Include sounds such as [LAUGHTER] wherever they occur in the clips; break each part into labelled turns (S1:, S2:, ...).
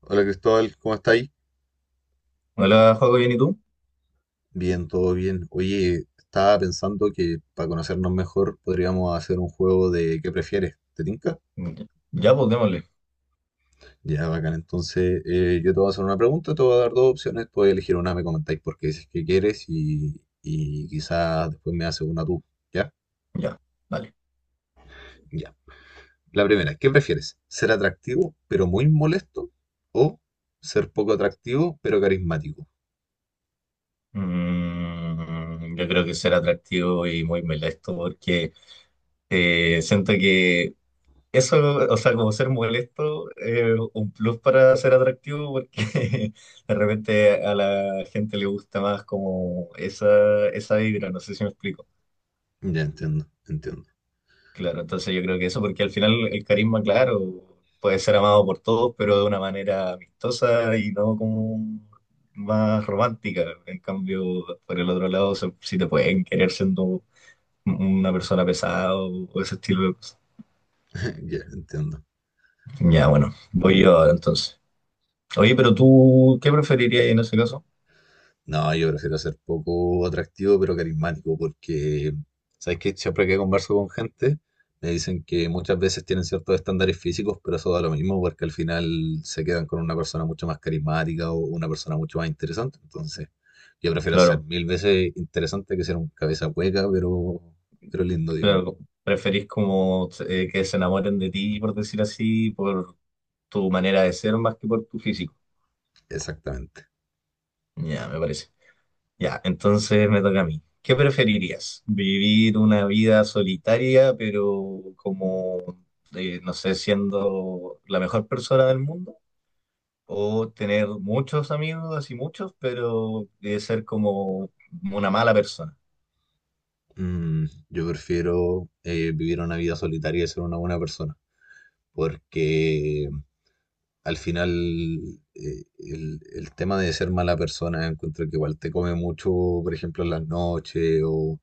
S1: Hola Cristóbal, ¿cómo estáis?
S2: Hola, juego bien, ¿y tú?
S1: Bien, todo bien. Oye, estaba pensando que para conocernos mejor podríamos hacer un juego de ¿qué prefieres? ¿Te tinca?
S2: Ya, ya, pues démosle.
S1: Ya, bacán. Entonces, yo te voy a hacer una pregunta, te voy a dar dos opciones, puedes elegir una, me comentáis por qué dices que quieres y quizás después me haces una tú, ¿ya?
S2: Ya, vale.
S1: Ya. La primera, ¿qué prefieres? ¿Ser atractivo pero muy molesto o ser poco atractivo pero carismático?
S2: Yo creo que será atractivo y muy molesto porque siento que eso, o sea, como ser molesto es un plus para ser atractivo porque [LAUGHS] de repente a la gente le gusta más como esa vibra, no sé si me explico.
S1: Ya entiendo, entiendo.
S2: Claro, entonces yo creo que eso, porque al final el carisma, claro, puede ser amado por todos, pero de una manera amistosa y no como más romántica. En cambio, por el otro lado, si te pueden querer siendo una persona pesada o ese estilo de cosas.
S1: [LAUGHS] Ya entiendo.
S2: Ya, bueno, voy yo ahora entonces. Oye, pero tú, ¿qué preferirías en ese caso?
S1: No, yo prefiero ser poco atractivo, pero carismático, porque, ¿sabes qué? Siempre que converso con gente, me dicen que muchas veces tienen ciertos estándares físicos, pero eso da lo mismo, porque al final se quedan con una persona mucho más carismática o una persona mucho más interesante. Entonces, yo prefiero ser
S2: Claro,
S1: mil veces interesante que ser un cabeza hueca, pero lindo, digamos.
S2: claro, preferís como que se enamoren de ti, por decir así, por tu manera de ser más que por tu físico.
S1: Exactamente.
S2: Ya, me parece. Ya, entonces me toca a mí. ¿Qué preferirías? ¿Vivir una vida solitaria, pero como, no sé, siendo la mejor persona del mundo? ¿O tener muchos amigos, así muchos, pero ser como una mala persona?
S1: Mm, yo prefiero vivir una vida solitaria y ser una buena persona, porque al final el tema de ser mala persona, encuentro que igual te come mucho, por ejemplo, en las noches o,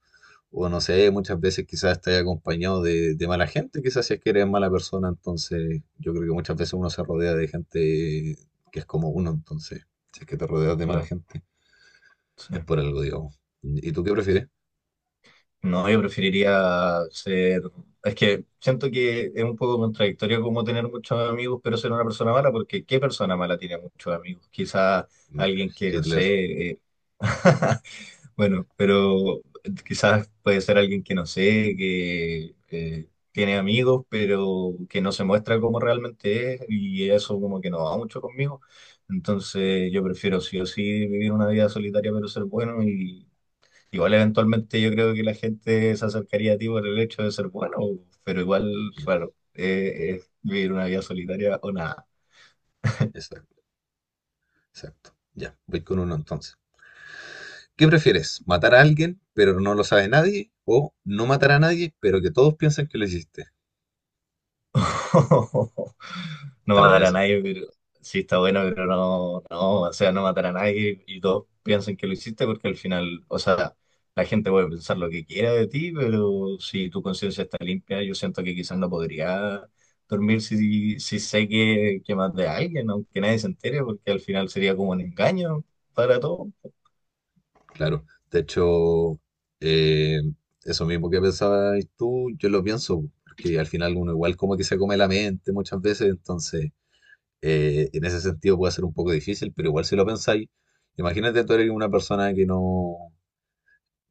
S1: no sé, muchas veces quizás estás acompañado de mala gente, quizás si es que eres mala persona, entonces yo creo que muchas veces uno se rodea de gente que es como uno, entonces si es que te rodeas de mala
S2: Claro,
S1: gente,
S2: sí.
S1: es por algo, digamos. ¿Y tú qué prefieres?
S2: No, yo preferiría ser... Es que siento que es un poco contradictorio como tener muchos amigos, pero ser una persona mala, porque ¿qué persona mala tiene muchos amigos? Quizá
S1: Me-
S2: alguien que, no
S1: Hitler.
S2: sé... eh, [LAUGHS] Bueno, pero quizás puede ser alguien que no sé, que tiene amigos, pero que no se muestra como realmente es y eso como que no va mucho conmigo. Entonces yo prefiero sí o sí vivir una vida solitaria pero ser bueno y igual eventualmente yo creo que la gente se acercaría a ti por el hecho de ser bueno, pero igual, claro, es vivir una vida solitaria o nada.
S1: Exacto, exacto. Ya, voy con uno entonces. ¿Qué prefieres? ¿Matar a alguien, pero no lo sabe nadie? ¿O no matar a nadie, pero que todos piensen que lo hiciste?
S2: [LAUGHS] No
S1: Está buena
S2: matar a
S1: esa,
S2: nadie, pero sí está bueno, pero no, no, o sea, no matar a nadie y todos piensan que lo hiciste porque al final, o sea, la gente puede pensar lo que quiera de ti, pero si tu conciencia está limpia, yo siento que quizás no podría dormir si sé que maté a alguien, aunque nadie se entere, porque al final sería como un engaño para todos.
S1: claro. De hecho, eh, eso mismo que pensabas tú, yo lo pienso, porque al final uno igual como que se come la mente muchas veces, entonces en ese sentido puede ser un poco difícil, pero igual si lo pensáis, imagínate tú eres una persona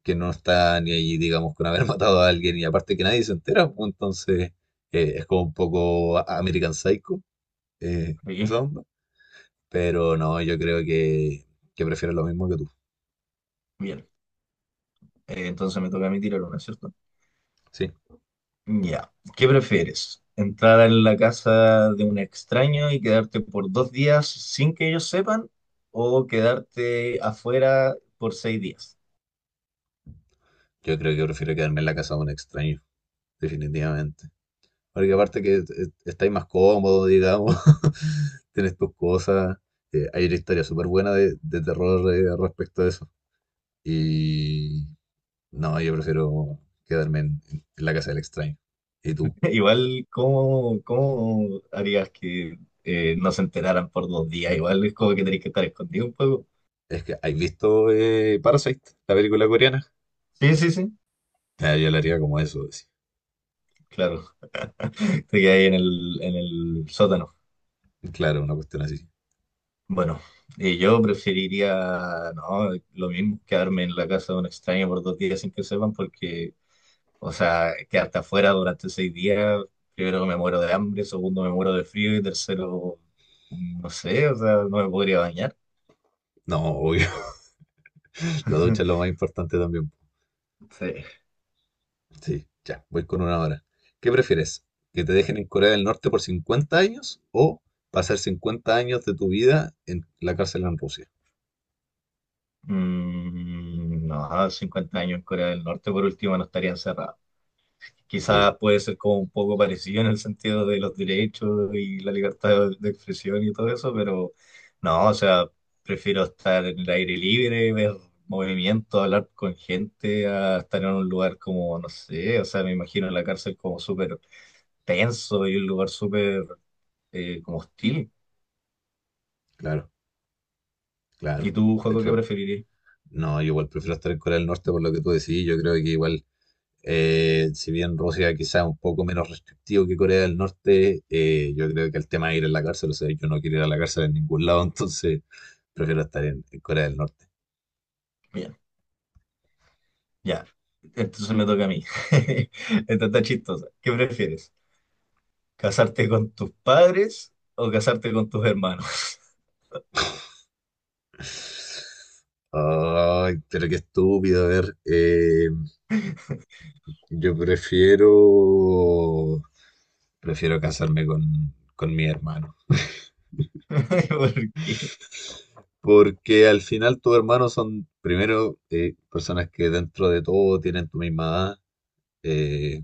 S1: que no está ni ahí, digamos, con haber [LAUGHS] matado a alguien y aparte que nadie se entera, pues, entonces es como un poco American Psycho.
S2: Y,
S1: Esa onda. Pero no, yo creo que prefiero lo mismo que tú.
S2: bien, entonces me toca a mí tirar una, ¿cierto?
S1: Sí,
S2: Ya, ¿qué prefieres? ¿Entrar en la casa de un extraño y quedarte por 2 días sin que ellos sepan? ¿O quedarte afuera por 6 días?
S1: yo creo que prefiero quedarme en la casa de un extraño, definitivamente. Porque aparte que estáis más cómodo, digamos, [LAUGHS] tienes tus cosas. Hay una historia súper buena de terror respecto a eso. Y no, yo prefiero quedarme en la casa del extraño. ¿Y tú?
S2: [LAUGHS] Igual, ¿cómo harías que no se enteraran por 2 días? Igual es como que tenés que estar escondido un poco.
S1: Es que, ¿has visto Parasite, la película coreana?
S2: Sí, sí, sí,
S1: Ah, yo la haría como eso, sí.
S2: claro. [LAUGHS] Te quedas ahí en el sótano.
S1: Claro, una cuestión así.
S2: Bueno, yo preferiría, no, lo mismo, quedarme en la casa de un extraño por 2 días sin que sepan porque o sea, que hasta afuera durante 6 días, primero me muero de hambre, segundo me muero de frío y tercero, no sé, o sea, no me podría bañar.
S1: No, obvio. La ducha es lo más
S2: [LAUGHS]
S1: importante también.
S2: Sí.
S1: Sí, ya, voy con una hora. ¿Qué prefieres? ¿Que te dejen en Corea del Norte por 50 años o pasar 50 años de tu vida en la cárcel en Rusia?
S2: No, 50 años en Corea del Norte por último no estaría encerrado.
S1: Sí,
S2: Quizás puede ser como un poco parecido en el sentido de los derechos y la libertad de expresión y todo eso, pero no, o sea, prefiero estar en el aire libre, ver movimiento, hablar con gente, a estar en un lugar como, no sé, o sea, me imagino la cárcel como súper tenso y un lugar súper como hostil.
S1: claro,
S2: ¿Y
S1: claro.
S2: tú,
S1: De
S2: Juego, qué
S1: hecho,
S2: preferirías?
S1: no, yo igual prefiero estar en Corea del Norte por lo que tú decís. Yo creo que igual, si bien Rusia quizá es un poco menos restrictivo que Corea del Norte, yo creo que el tema de ir a la cárcel, o sea, yo no quiero ir a la cárcel en ningún lado, [LAUGHS] entonces prefiero estar en Corea del Norte.
S2: Bien, ya. Entonces me toca a mí. [LAUGHS] Esta está chistosa. ¿Qué prefieres? ¿Casarte con tus padres o casarte con tus hermanos?
S1: Ay, pero qué estúpido. A ver,
S2: [LAUGHS]
S1: yo prefiero, prefiero casarme con mi hermano.
S2: ¿Por qué?
S1: Porque al final tus hermanos son, primero, personas que dentro de todo tienen tu misma edad.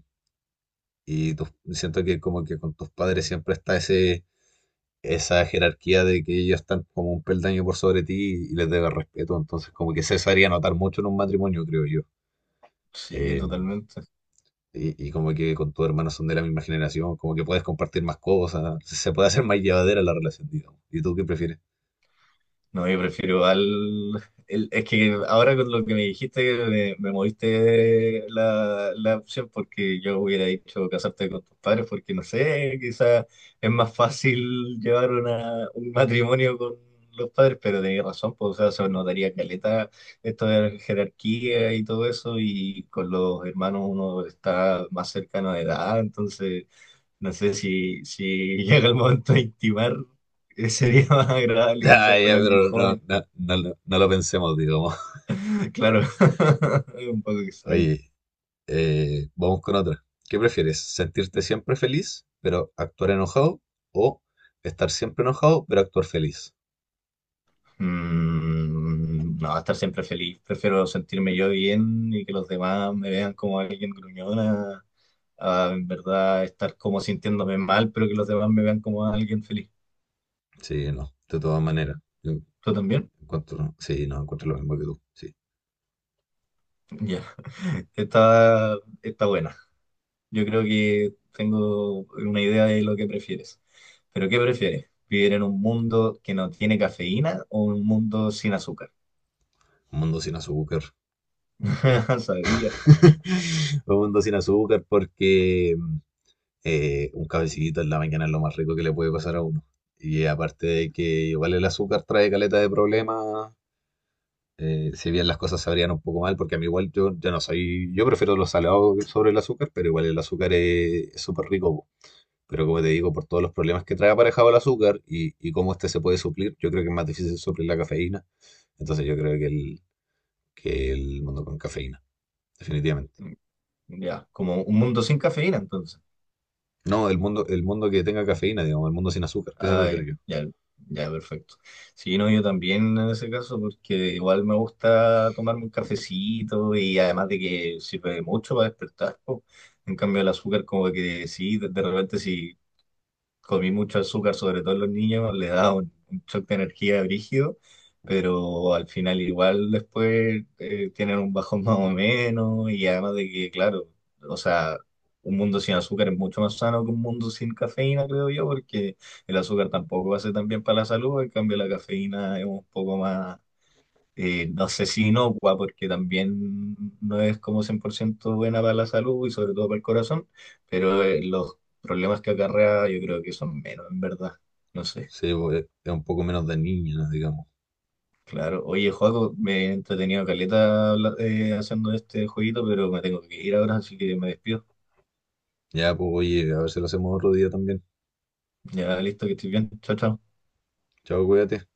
S1: Siento que como que con tus padres siempre está esa jerarquía de que ellos están como un peldaño por sobre ti y les debes respeto. Entonces como que eso se haría notar mucho en un matrimonio, creo yo.
S2: Sí,
S1: Eh,
S2: totalmente.
S1: y como que con tu hermano son de la misma generación, como que puedes compartir más cosas, se puede hacer más llevadera la relación, digamos. ¿Y tú qué prefieres? [LAUGHS]
S2: No, yo prefiero al... es que ahora con lo que me dijiste me moviste la opción porque yo hubiera dicho casarte con tus padres porque no sé, quizás es más fácil llevar una, un matrimonio con los padres, pero tenías razón, pues, o sea, se notaría caleta esto de la jerarquía y todo eso y con los hermanos uno está más cercano de edad, entonces... No sé si llega el momento de intimar, sería [LAUGHS] más agradable quizás
S1: Ya, ya,
S2: con alguien
S1: pero no,
S2: joven.
S1: no, no, no lo pensemos, digamos.
S2: Claro, [LAUGHS] es un poco
S1: [LAUGHS]
S2: extraño.
S1: Oye, vamos con otra. ¿Qué prefieres? ¿Sentirte siempre feliz, pero actuar enojado? ¿O estar siempre enojado, pero actuar feliz?
S2: No, estar siempre feliz. Prefiero sentirme yo bien y que los demás me vean como alguien gruñona, a, en verdad estar como sintiéndome mal, pero que los demás me vean como alguien feliz.
S1: Sí, no, de todas maneras. Yo
S2: ¿Tú también?
S1: encuentro, sí, no, encuentro lo mismo que tú. Sí,
S2: Ya, está, está buena. Yo creo que tengo una idea de lo que prefieres. Pero ¿qué prefieres? ¿Vivir en un mundo que no tiene cafeína o un mundo sin azúcar?
S1: un mundo sin azúcar.
S2: [LAUGHS] Sabía.
S1: [LAUGHS] Un mundo sin azúcar porque un cafecito en la mañana es lo más rico que le puede pasar a uno. Y aparte de que igual el azúcar trae caleta de problemas, si bien las cosas sabrían un poco mal, porque a mí igual yo, yo no soy, yo prefiero los salados sobre el azúcar, pero igual el azúcar es súper rico. Po. Pero como te digo, por todos los problemas que trae aparejado el azúcar y cómo este se puede suplir, yo creo que es más difícil suplir la cafeína. Entonces yo creo que que el mundo con cafeína, definitivamente.
S2: Ya, como un mundo sin cafeína, entonces.
S1: No, el mundo que tenga cafeína, digamos, el mundo sin azúcar, ese
S2: Ah, ya,
S1: prefiero yo.
S2: ya, ya, perfecto. Sí, no, yo también en ese caso, porque igual me gusta tomarme un cafecito y además de que sirve mucho para despertar, po. En cambio, el azúcar, como que sí, de repente, si comí mucho azúcar, sobre todo en los niños, le da un shock de energía brígido, pero al final igual después tienen un bajón [LAUGHS] más o menos y además de que, claro, o sea, un mundo sin azúcar es mucho más sano que un mundo sin cafeína, creo yo, porque el azúcar tampoco hace tan bien para la salud, en cambio la cafeína es un poco más no sé si inocua, porque también no es como 100% buena para la salud y sobre todo para el corazón, pero los problemas que acarrea yo creo que son menos, en verdad. No sé,
S1: Sí, pues, es un poco menos dañina, digamos.
S2: claro. Oye, Joaco, me he entretenido caleta haciendo este jueguito, pero me tengo que ir ahora, así que me despido.
S1: Ya, pues oye, a ver si lo hacemos otro día también.
S2: Ya listo, que estoy bien. Chao, chao.
S1: Chao, cuídate.